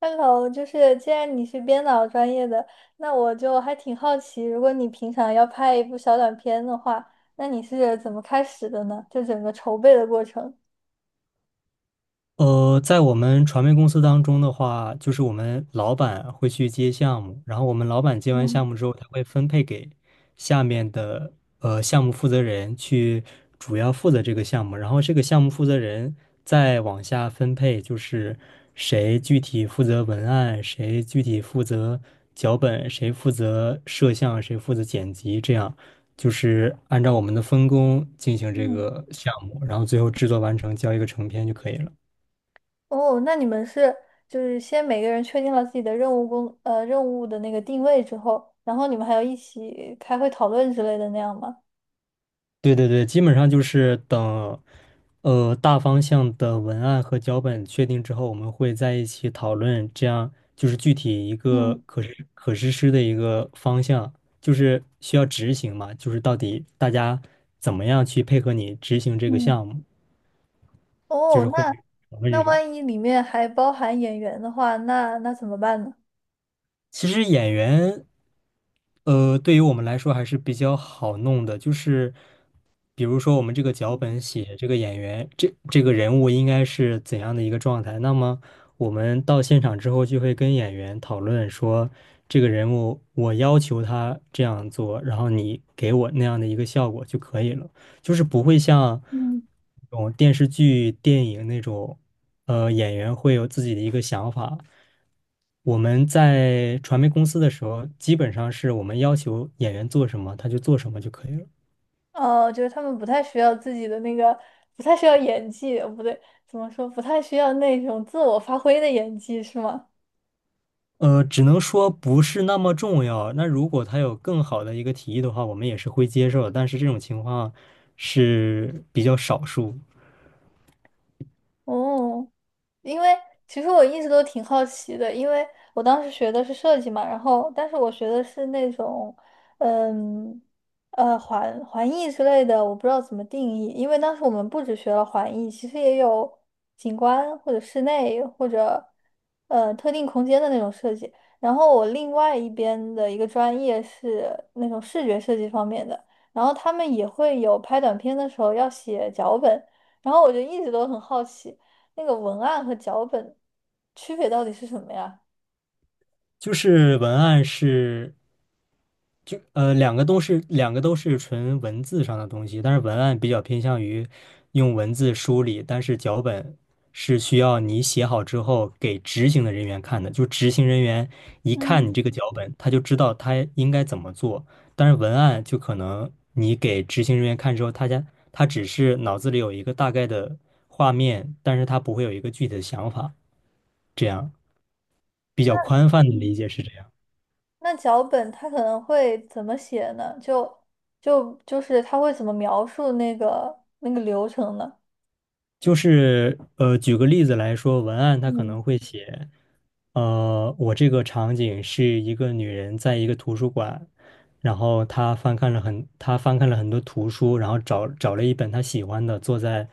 Hello，就是既然你是编导专业的，那我就还挺好奇，如果你平常要拍一部小短片的话，那你是怎么开始的呢？就整个筹备的过程。在我们传媒公司当中的话，就是我们老板会去接项目，然后我们老板接完嗯项目之后，他会分配给下面的项目负责人去主要负责这个项目，然后这个项目负责人再往下分配，就是谁具体负责文案，谁具体负责脚本，谁负责摄像，谁负责剪辑，这样就是按照我们的分工进行这嗯，个项目，然后最后制作完成，交一个成片就可以了。哦，那你们是就是先每个人确定了自己的任务的那个定位之后，然后你们还要一起开会讨论之类的那样吗？对对对，基本上就是等，大方向的文案和脚本确定之后，我们会在一起讨论，这样就是具体一个嗯可实施的一个方向，就是需要执行嘛，就是到底大家怎么样去配合你执行这个嗯，项目，就哦，是会那讨论那这种。万一里面还包含演员的话，那怎么办呢？其实演员对于我们来说还是比较好弄的，就是比如说我们这个脚嗯本写这个演员，这个人物应该是怎样的一个状态，那么我们到现场之后就会跟演员讨论说，这个人物我要求他这样做，然后你给我那样的一个效果就可以了。就是不会像嗯那种电视剧、电影那种，演员会有自己的一个想法。我们在传媒公司的时候，基本上是我们要求演员做什么，他就做什么就可以了。哦，就是他们不太需要自己的那个，不太需要演技，哦不对，怎么说，不太需要那种自我发挥的演技，是吗？只能说不是那么重要。那如果他有更好的一个提议的话，我们也是会接受的。但是这种情况是比较少数。哦，因为其实我一直都挺好奇的，因为我当时学的是设计嘛，然后但是我学的是那种，嗯，环艺之类的，我不知道怎么定义，因为当时我们不只学了环艺，其实也有景观或者室内或者特定空间的那种设计。然后我另外一边的一个专业是那种视觉设计方面的，然后他们也会有拍短片的时候要写脚本。然后我就一直都很好奇，那个文案和脚本区别到底是什么呀？就是文案是两个都是纯文字上的东西，但是文案比较偏向于用文字梳理，但是脚本是需要你写好之后给执行的人员看的，就执行人员一看嗯你这个脚本，他就知道他应该怎么做。但是文案就可能你给执行人员看之后，他只是脑子里有一个大概的画面，但是他不会有一个具体的想法，这样比那较宽泛的理嗯解是这样。那脚本它可能会怎么写呢？就是它会怎么描述那个流程呢？就是举个例子来说，文案它可嗯能会写，我这个场景是一个女人在一个图书馆，然后她翻看了很多图书，然后找了一本她喜欢的，坐在，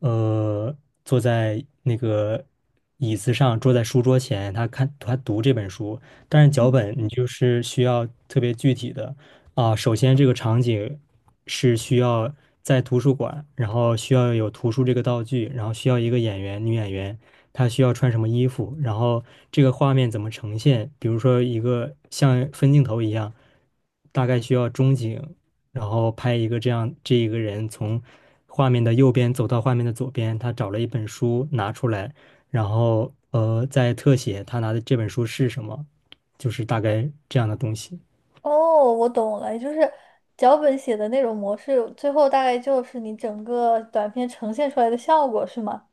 呃，坐在那个椅子上，坐在书桌前，她读这本书，但是脚嗯本你就是需要特别具体的。啊，首先这个场景是需要在图书馆，然后需要有图书这个道具，然后需要一个演员，女演员，她需要穿什么衣服，然后这个画面怎么呈现，比如说一个像分镜头一样，大概需要中景，然后拍一个这样，这一个人从画面的右边走到画面的左边，他找了一本书拿出来，然后在特写他拿的这本书是什么，就是大概这样的东西。哦，我懂了，也就是脚本写的那种模式，最后大概就是你整个短片呈现出来的效果，是吗？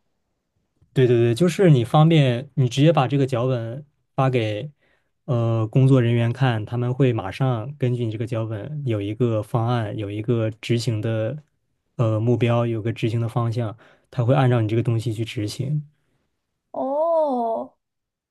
对对对，就是你方便，你直接把这个脚本发给工作人员看，他们会马上根据你这个脚本有一个方案，有一个执行的目标，有个执行的方向，他会按照你这个东西去执行。哦，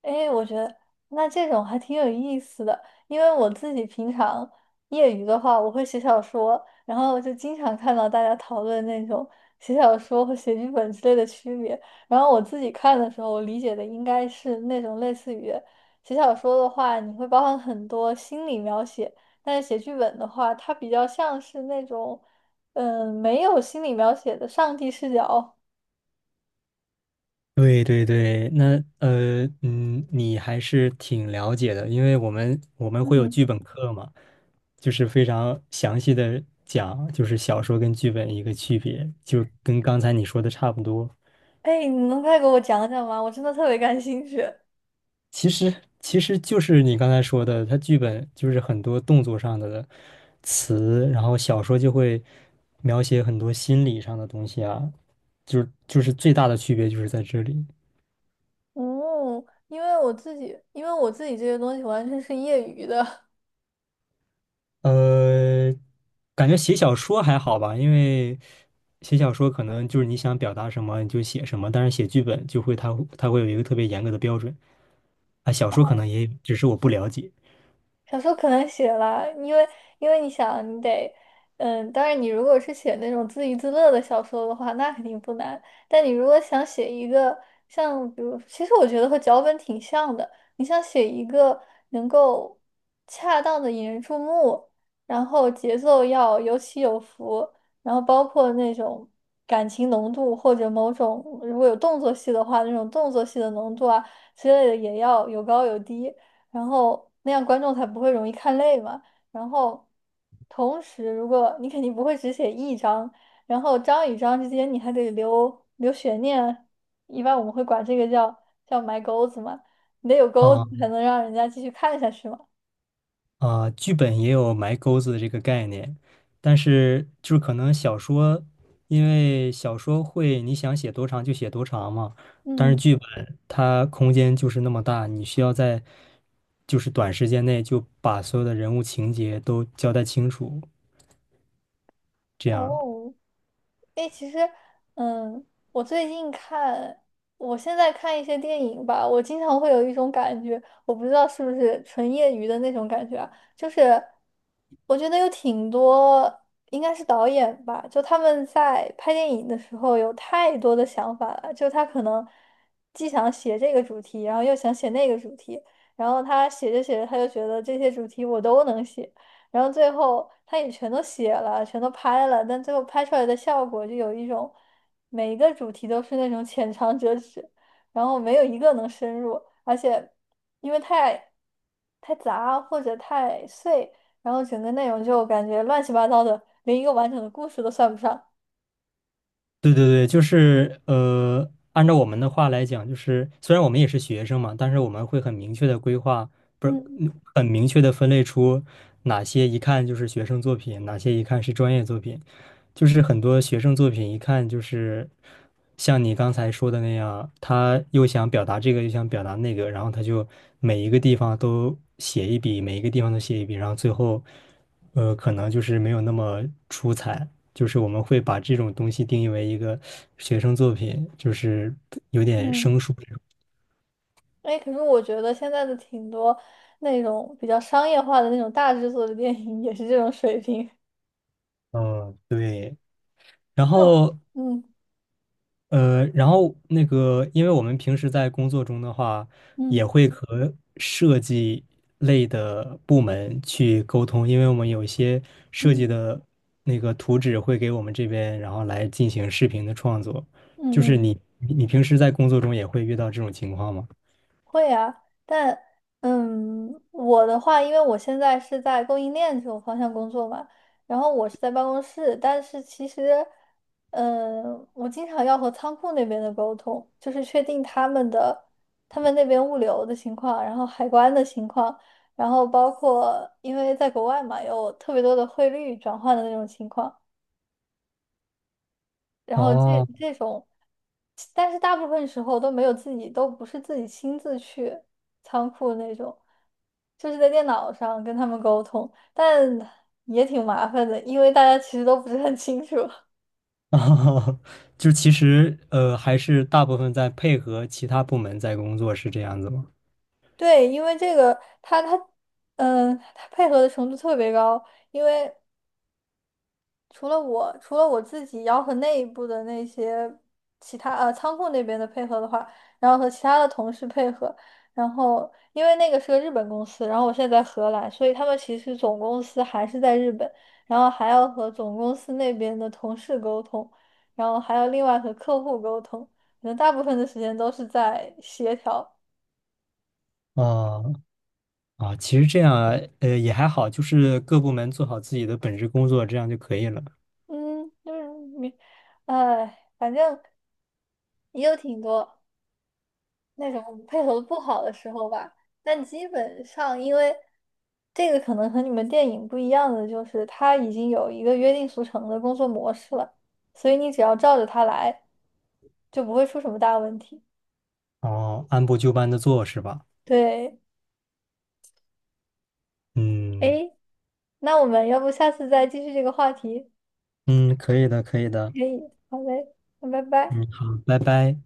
哎，我觉得那这种还挺有意思的，因为我自己平常业余的话，我会写小说，然后就经常看到大家讨论那种写小说和写剧本之类的区别。然后我自己看的时候，我理解的应该是那种类似于写小说的话，你会包含很多心理描写，但是写剧本的话，它比较像是那种没有心理描写的上帝视角。对对对，那你还是挺了解的，因为我们会有嗯。剧本课嘛，就是非常详细的讲，就是小说跟剧本一个区别，就跟刚才你说的差不多。哎，你能再给我讲讲吗？我真的特别感兴趣。其实其实就是你刚才说的，它剧本就是很多动作上的词，然后小说就会描写很多心理上的东西啊，就是最大的区别就是在这里。哦，因为我自己，因为我自己这些东西完全是业余的，呃，感觉写小说还好吧，因为写小说可能就是你想表达什么你就写什么，但是写剧本就会它会有一个特别严格的标准啊，小说可能也有只是我不了解小说可能写了，因为因为你想，你得，嗯，当然你如果是写那种自娱自乐的小说的话，那肯定不难。但你如果想写一个像，比如，其实我觉得和脚本挺像的，你想写一个能够恰当的引人注目，然后节奏要有起有伏，然后包括那种感情浓度或者某种如果有动作戏的话，那种动作戏的浓度啊之类的也要有高有低。然后那样观众才不会容易看累嘛。然后，同时如果你肯定不会只写一章，然后章与章之间你还得留悬念啊，一般我们会管这个叫埋钩子嘛，你得有钩子啊。才能让人家继续看下去嘛。啊，剧本也有埋钩子的这个概念，但是就是可能小说，因为小说会你想写多长就写多长嘛，但是嗯，剧本它空间就是那么大，你需要在就是短时间内就把所有的人物情节都交代清楚，这样。哦，哎，其实，嗯，我最近看，我现在看一些电影吧，我经常会有一种感觉，我不知道是不是纯业余的那种感觉啊，就是我觉得有挺多，应该是导演吧，就他们在拍电影的时候有太多的想法了，就他可能既想写这个主题，然后又想写那个主题，然后他写着写着他就觉得这些主题我都能写。然后最后他也全都写了，全都拍了，但最后拍出来的效果就有一种，每一个主题都是那种浅尝辄止，然后没有一个能深入，而且因为太杂或者太碎，然后整个内容就感觉乱七八糟的，连一个完整的故事都算不上。对对对，就是按照我们的话来讲，就是虽然我们也是学生嘛，但是我们会很明确的规划，不是嗯嗯很明确的分类出哪些一看就是学生作品，哪些一看是专业作品。就是很多学生作品一看就是像你刚才说的那样，他又想表达这个，又想表达那个，然后他就每一个地方都写一笔，然后最后可能就是没有那么出彩。就是我们会把这种东西定义为一个学生作品，就是有点嗯，生疏这种哎，可是我觉得现在的挺多那种比较商业化的那种大制作的电影也是这种水平。嗯，然那种后嗯然后那个，因为我们平时在工作中的话，嗯也会和设计类的部门去沟通，因为我们有一些设计嗯的那个图纸会给我们这边，然后来进行视频的创作。就嗯是嗯。你平时在工作中也会遇到这种情况吗？会啊，但嗯，我的话，因为我现在是在供应链这种方向工作嘛，然后我是在办公室，但是其实，嗯，我经常要和仓库那边的沟通，就是确定他们的他们那边物流的情况，然后海关的情况，然后包括因为在国外嘛，有特别多的汇率转换的那种情况。然后这哦。这种，但是大部分时候都没有自己，都不是自己亲自去仓库那种，就是在电脑上跟他们沟通，但也挺麻烦的，因为大家其实都不是很清楚。哦，就其实还是大部分在配合其他部门在工作，是这样子吗？对，因为这个他，嗯，他配合的程度特别高，因为。除了我，除了我自己，要和内部的那些其他仓库那边的配合的话，然后和其他的同事配合，然后因为那个是个日本公司，然后我现在在荷兰，所以他们其实总公司还是在日本，然后还要和总公司那边的同事沟通，然后还要另外和客户沟通，可能大部分的时间都是在协调，啊啊，其实这样也还好，就是各部门做好自己的本职工作，这样就可以了。嗯，就是你，哎，反正也有挺多。那种配合不好的时候吧。但基本上，因为这个可能和你们电影不一样的，就是他已经有一个约定俗成的工作模式了，所以你只要照着他来，就不会出什么大问题。哦，按部就班的做是吧？对，嗯诶，那我们要不下次再继续这个话题？嗯，可以的，可以的。可以，好嘞，那拜拜。嗯，好，拜拜。